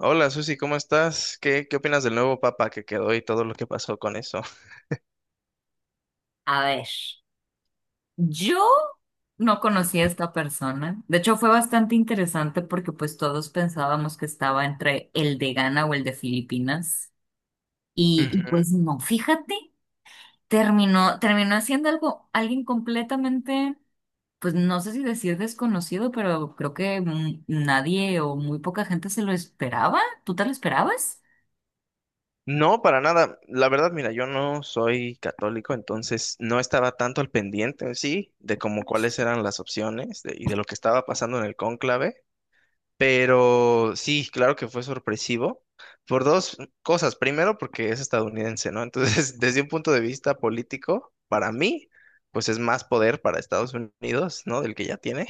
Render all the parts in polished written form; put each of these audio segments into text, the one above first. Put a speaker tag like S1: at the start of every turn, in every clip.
S1: Hola Susi, ¿cómo estás? ¿Qué opinas del nuevo papa que quedó y todo lo que pasó con eso?
S2: A ver, yo no conocí a esta persona. De hecho, fue bastante interesante porque pues todos pensábamos que estaba entre el de Ghana o el de Filipinas. Y
S1: Ujú.
S2: pues no, fíjate, terminó haciendo alguien completamente, pues no sé si decir desconocido, pero creo que nadie o muy poca gente se lo esperaba. ¿Tú te lo esperabas?
S1: No, para nada. La verdad, mira, yo no soy católico, entonces no estaba tanto al pendiente en sí de como cuáles eran las opciones de- y de lo que estaba pasando en el cónclave, pero sí, claro que fue sorpresivo por dos cosas. Primero, porque es estadounidense, ¿no? Entonces, desde un punto de vista político, para mí, pues es más poder para Estados Unidos, ¿no? Del que ya tiene.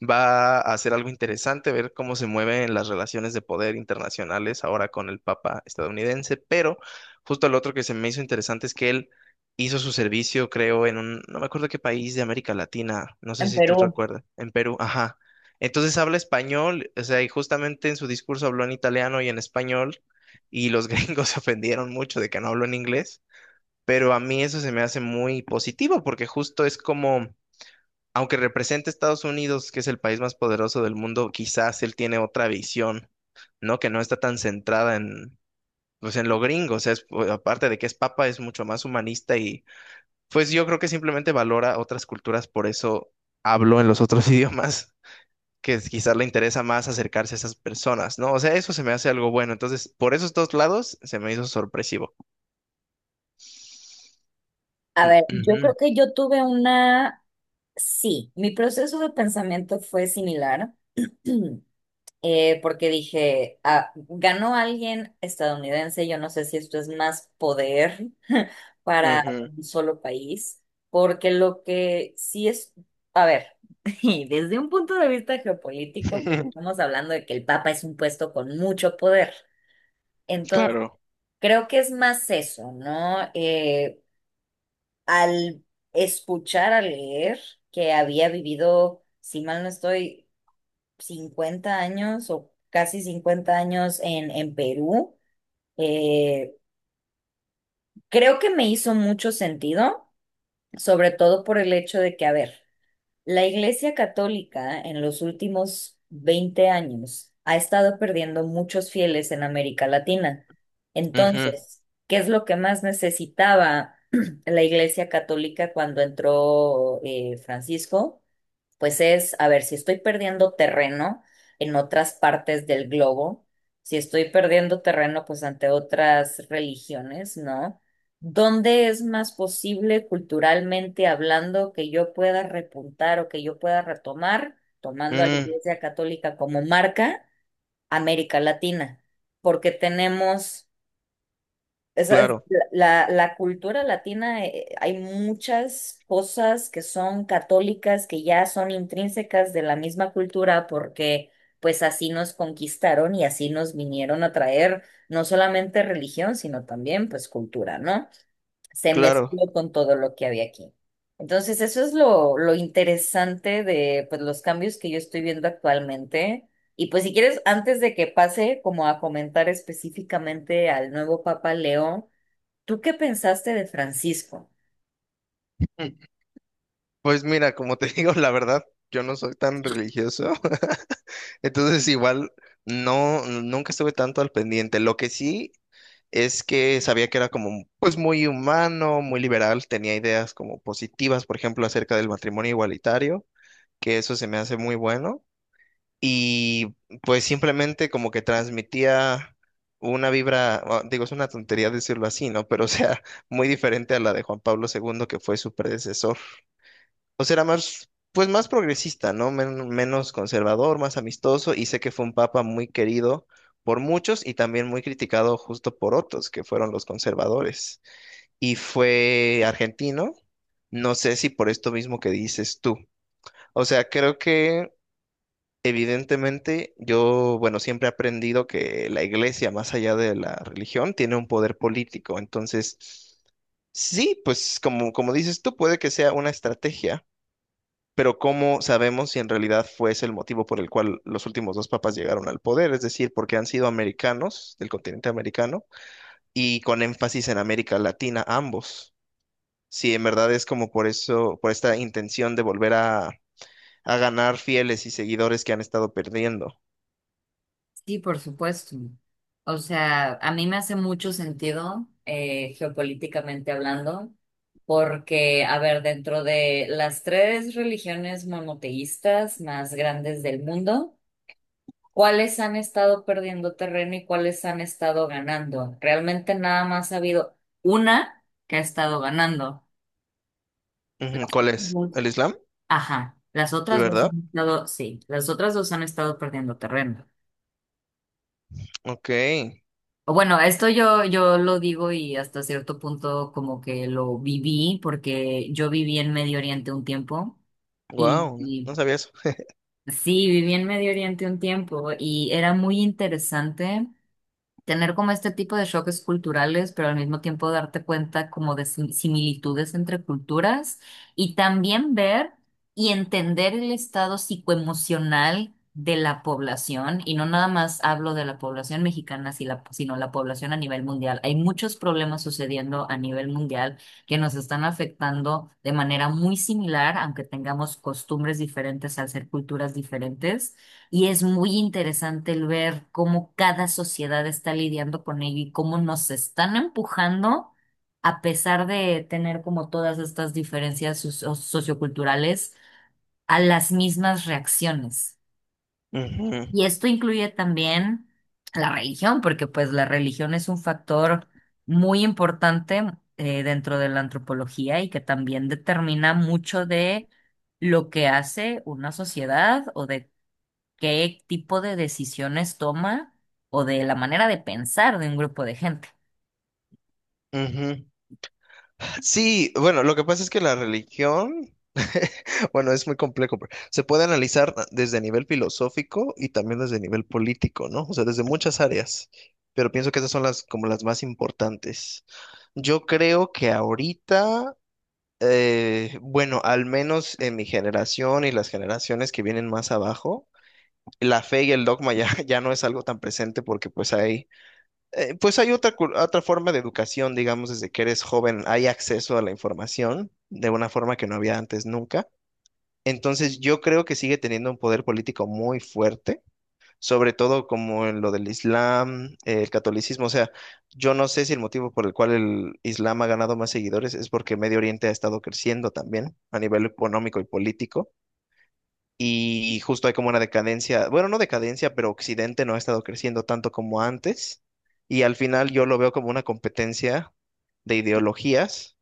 S1: Va a ser algo interesante ver cómo se mueven las relaciones de poder internacionales ahora con el Papa estadounidense, pero justo lo otro que se me hizo interesante es que él hizo su servicio, creo, en un, no me acuerdo qué país de América Latina, no sé
S2: En
S1: si tú te
S2: Perú.
S1: acuerdas, en Perú, ajá. Entonces habla español, o sea, y justamente en su discurso habló en italiano y en español, y los gringos se ofendieron mucho de que no habló en inglés, pero a mí eso se me hace muy positivo porque justo es como aunque represente a Estados Unidos, que es el país más poderoso del mundo, quizás él tiene otra visión, ¿no? Que no está tan centrada en, pues, en lo gringo. O sea, es- pues, aparte de que es papa, es mucho más humanista y, pues, yo creo que simplemente valora otras culturas, por eso hablo en los otros idiomas. Que es- quizás le interesa más acercarse a esas personas, ¿no? O sea, eso se me hace algo bueno. Entonces, por esos dos lados, se me hizo sorpresivo.
S2: A ver, yo
S1: Ujú.
S2: creo que yo tuve una. Sí, mi proceso de pensamiento fue similar, porque dije, ah, ganó alguien estadounidense, yo no sé si esto es más poder para
S1: Ujú.
S2: un solo país, porque lo que sí es, a ver, y desde un punto de vista geopolítico, porque estamos hablando de que el Papa es un puesto con mucho poder, entonces
S1: Claro.
S2: creo que es más eso, ¿no? Al escuchar, al leer que había vivido, si mal no estoy, 50 años o casi 50 años en, Perú, eh, creo que me hizo mucho sentido, sobre todo por el hecho de que, a ver, la Iglesia Católica en los últimos 20 años ha estado perdiendo muchos fieles en América Latina.
S1: Ujú,
S2: Entonces, ¿qué es lo que más necesitaba la Iglesia Católica cuando entró Francisco? Pues es, a ver, si estoy perdiendo terreno en otras partes del globo, si estoy perdiendo terreno pues ante otras religiones, ¿no? ¿Dónde es más posible culturalmente hablando que yo pueda repuntar o que yo pueda retomar, tomando a la
S1: mm,
S2: Iglesia Católica como marca, América Latina? Porque tenemos esa es
S1: claro,
S2: la cultura latina, hay muchas cosas que son católicas, que ya son intrínsecas de la misma cultura, porque pues así nos conquistaron y así nos vinieron a traer no solamente religión, sino también pues cultura, ¿no? Se
S1: claro.
S2: mezcló con todo lo que había aquí. Entonces, eso es lo interesante de pues los cambios que yo estoy viendo actualmente. Y pues si quieres, antes de que pase como a comentar específicamente al nuevo Papa Leo, ¿tú qué pensaste de Francisco?
S1: Pues mira, como te digo, la verdad, yo no soy tan religioso, entonces igual no, nunca estuve tanto al pendiente. Lo que sí es que sabía que era como, pues muy humano, muy liberal, tenía ideas como positivas, por ejemplo, acerca del matrimonio igualitario, que eso se me hace muy bueno, y pues simplemente como que transmitía una vibra, digo, es una tontería decirlo así, ¿no? Pero o sea, muy diferente a la de Juan Pablo II, que fue su predecesor. O sea, era más, pues más progresista, ¿no? Menos conservador, más amistoso, y sé que fue un papa muy querido por muchos y también muy criticado justo por otros, que fueron los conservadores. Y fue argentino, no sé si por esto mismo que dices tú. O sea, creo que evidentemente yo, bueno, siempre he aprendido que la iglesia, más allá de la religión, tiene un poder político. Entonces, sí, pues como, como dices tú, puede que sea una estrategia, pero ¿cómo sabemos si en realidad fue ese el motivo por el cual los últimos dos papas llegaron al poder? Es decir, porque han sido americanos, del continente americano, y con énfasis en América Latina ambos. Si en verdad es como por eso, por esta intención de volver a ganar fieles y seguidores que han estado perdiendo.
S2: Sí, por supuesto. O sea, a mí me hace mucho sentido geopolíticamente hablando, porque, a ver, dentro de las tres religiones monoteístas más grandes del mundo, ¿cuáles han estado perdiendo terreno y cuáles han estado ganando? Realmente nada más ha habido una que ha estado ganando. Las
S1: Ujú. ¿Cuál
S2: otras
S1: es?
S2: dos,
S1: ¿El Islam?
S2: ajá, las
S1: Sí,
S2: otras dos han
S1: ¿verdad?
S2: estado, sí, las otras dos han estado perdiendo terreno.
S1: Ok.
S2: Bueno, esto yo lo digo y hasta cierto punto como que lo viví porque yo viví en Medio Oriente un tiempo y,
S1: Wow,
S2: y
S1: no sabía eso.
S2: sí, viví en Medio Oriente un tiempo y era muy interesante tener como este tipo de choques culturales, pero al mismo tiempo darte cuenta como de similitudes entre culturas y también ver y entender el estado psicoemocional de la población. Y no nada más hablo de la población mexicana, si la- sino la población a nivel mundial. Hay muchos problemas sucediendo a nivel mundial que nos están afectando de manera muy similar, aunque tengamos costumbres diferentes al ser culturas diferentes. Y es muy interesante el ver cómo cada sociedad está lidiando con ello y cómo nos están empujando, a pesar de tener como todas estas diferencias socioculturales, a las mismas reacciones.
S1: Ujú,
S2: Y esto incluye también la religión, porque pues la religión es un factor muy importante dentro de la antropología y que también determina mucho de lo que hace una sociedad o de qué tipo de decisiones toma o de la manera de pensar de un grupo de gente.
S1: ujú. Sí, bueno, lo que pasa es que la religión, bueno, es muy complejo, pero se puede analizar desde nivel filosófico y también desde nivel político, ¿no? O sea, desde muchas áreas, pero pienso que esas son las como las más importantes. Yo creo que ahorita, bueno, al menos en mi generación y las generaciones que vienen más abajo, la fe y el dogma ya, ya no es algo tan presente porque pues hay otra, otra forma de educación, digamos, desde que eres joven hay acceso a la información de una forma que no había antes nunca. Entonces yo creo que sigue teniendo un poder político muy fuerte, sobre todo como en lo del Islam, el catolicismo. O sea, yo no sé si el motivo por el cual el Islam ha ganado más seguidores es porque Medio Oriente ha estado creciendo también a nivel económico y político. Y justo hay como una decadencia, bueno, no decadencia, pero Occidente no ha estado creciendo tanto como antes. Y al final yo lo veo como una competencia de ideologías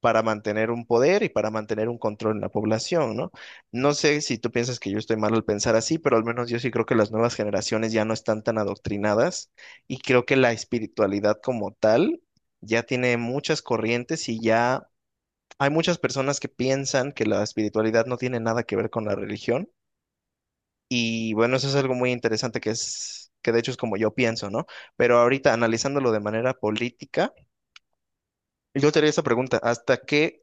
S1: para mantener un poder y para mantener un control en la población, ¿no? No sé si tú piensas que yo estoy mal al pensar así, pero al menos yo sí creo que las nuevas generaciones ya no están tan adoctrinadas y creo que la espiritualidad como tal ya tiene muchas corrientes y ya hay muchas personas que piensan que la espiritualidad no tiene nada que ver con la religión y bueno, eso es algo muy interesante que es, que de hecho es como yo pienso, ¿no? Pero ahorita analizándolo de manera política, yo te haría esa pregunta: ¿hasta qué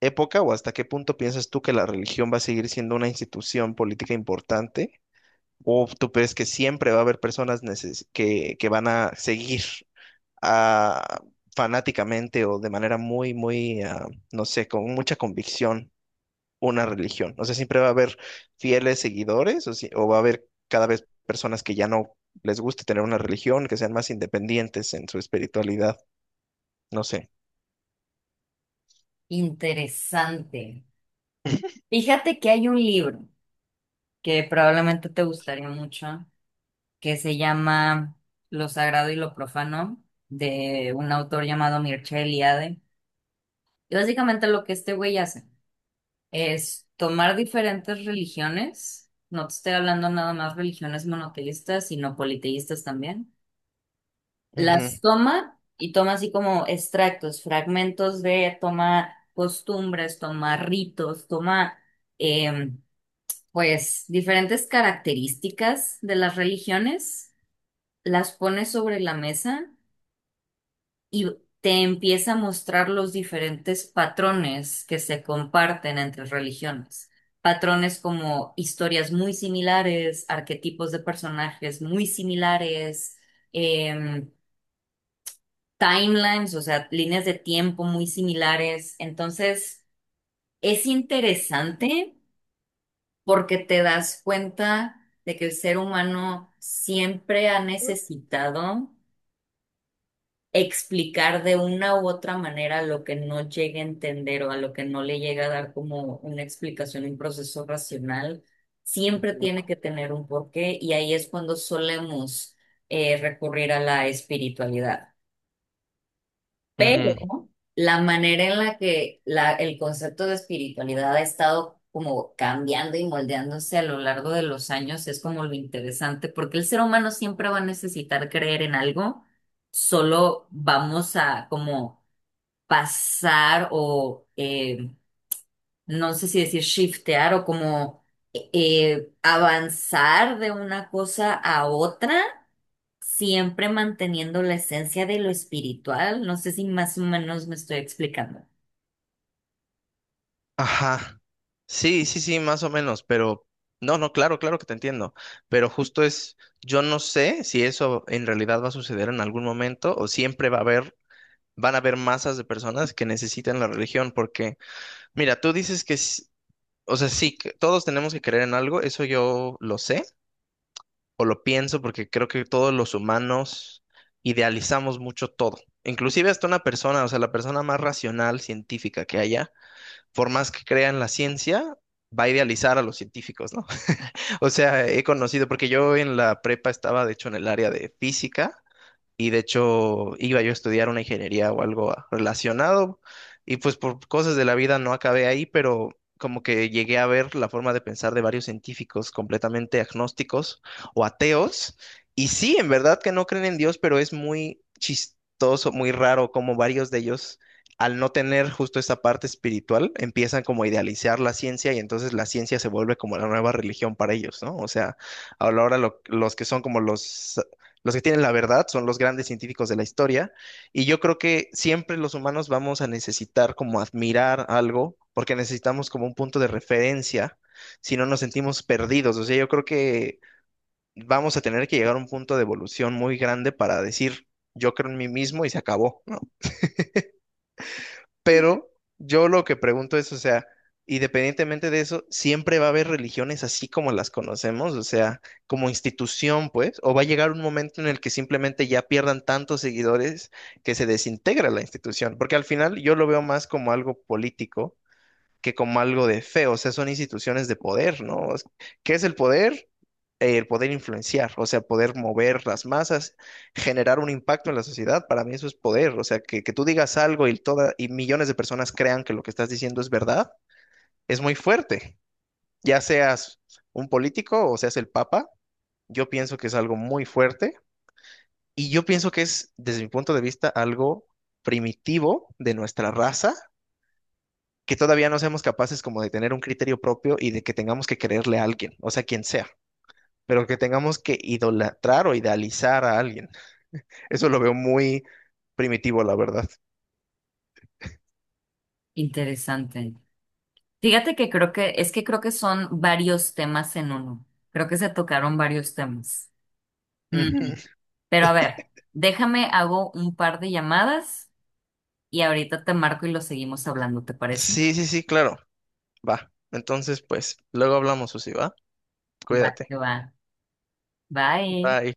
S1: época o hasta qué punto piensas tú que la religión va a seguir siendo una institución política importante? ¿O tú crees que siempre va a haber personas que van a seguir ah, fanáticamente o de manera muy, muy, no sé, con mucha convicción una religión? O sea, ¿siempre va a haber fieles seguidores o, o va a haber cada vez personas que ya no les guste tener una religión, que sean más independientes en su espiritualidad? No sé.
S2: Interesante. Fíjate que hay un libro que probablemente te gustaría mucho, que se llama Lo Sagrado y lo Profano, de un autor llamado Mircea Eliade. Y básicamente lo que este güey hace es tomar diferentes religiones, no te estoy hablando nada más religiones monoteístas, sino politeístas también
S1: Ujú,
S2: las toma y toma así como extractos, fragmentos de, toma costumbres, toma ritos, toma em, pues diferentes características de las religiones, las pone sobre la mesa y te empieza a mostrar los diferentes patrones que se comparten entre religiones. Patrones como historias muy similares, arquetipos de personajes muy similares, em, timelines, o sea, líneas de tiempo muy similares. Entonces, es interesante porque te das cuenta de que el ser humano siempre ha necesitado explicar de una u otra manera lo que no llega a entender o a lo que no le llega a dar como una explicación, un proceso racional. Siempre tiene que tener un porqué y ahí es cuando solemos recurrir a la espiritualidad.
S1: ujú.
S2: Pero la manera en la que el concepto de espiritualidad ha estado como cambiando y moldeándose a lo largo de los años es como lo interesante, porque el ser humano siempre va a necesitar creer en algo, solo vamos a como pasar o no sé si decir shiftear o como avanzar de una cosa a otra siempre manteniendo la esencia de lo espiritual. No sé si más o menos me estoy explicando.
S1: Ajá. Sí, sí, sí, más o menos, pero no, no, claro, claro que te entiendo, pero justo es, yo no sé si eso en realidad va a suceder en algún momento o siempre va a haber, van a haber masas de personas que necesitan la religión, porque mira, tú dices que o sea, sí, que todos tenemos que creer en algo, eso yo lo sé o lo pienso porque creo que todos los humanos idealizamos mucho todo. Inclusive hasta una persona, o sea, la persona más racional, científica que haya, por más que crea en la ciencia, va a idealizar a los científicos, ¿no? O sea, he conocido, porque yo en la prepa estaba, de hecho, en el área de física y de hecho iba yo a estudiar una ingeniería o algo relacionado y pues por cosas de la vida no acabé ahí, pero como que llegué a ver la forma de pensar de varios científicos completamente agnósticos o ateos y sí, en verdad que no creen en Dios, pero es muy chistoso, muy raro como varios de ellos al no tener justo esa parte espiritual, empiezan como a idealizar la ciencia y entonces la ciencia se vuelve como la nueva religión para ellos, ¿no? O sea, ahora los que son como los que tienen la verdad son los grandes científicos de la historia y yo creo que siempre los humanos vamos a necesitar como admirar algo porque necesitamos como un punto de referencia si no nos sentimos perdidos. O sea, yo creo que vamos a tener que llegar a un punto de evolución muy grande para decir yo creo en mí mismo y se acabó, ¿no? Pero yo lo que pregunto es, o sea, independientemente de eso, ¿siempre va a haber religiones así como las conocemos? O sea, como institución, pues, o va a llegar un momento en el que simplemente ya pierdan tantos seguidores que se desintegra la institución, porque al final yo lo veo más como algo político que como algo de feo. O sea, son instituciones de poder, ¿no? Es- ¿Qué es el poder? El poder influenciar, o sea, poder mover las masas, generar un impacto en la sociedad, para mí eso es poder. O sea, que tú digas algo y, toda, y millones de personas crean que lo que estás diciendo es verdad, es muy fuerte. Ya seas un político o seas el papa, yo pienso que es algo muy fuerte y yo pienso que es, desde mi punto de vista, algo primitivo de nuestra raza que todavía no seamos capaces como de tener un criterio propio y de que tengamos que creerle a alguien, o sea, quien sea, pero que tengamos que idolatrar o idealizar a alguien. Eso lo veo muy primitivo, la verdad.
S2: Interesante. Fíjate que es que creo que son varios temas en uno. Creo que se tocaron varios temas. Mm.
S1: Ujú.
S2: Pero a ver, déjame, hago un par de llamadas y ahorita te marco y lo seguimos hablando, ¿te parece?
S1: Sí, sí, sí, claro. Va. Entonces, pues, luego hablamos, Susi, ¿va?
S2: Va,
S1: Cuídate.
S2: que va. Bye.
S1: Bye.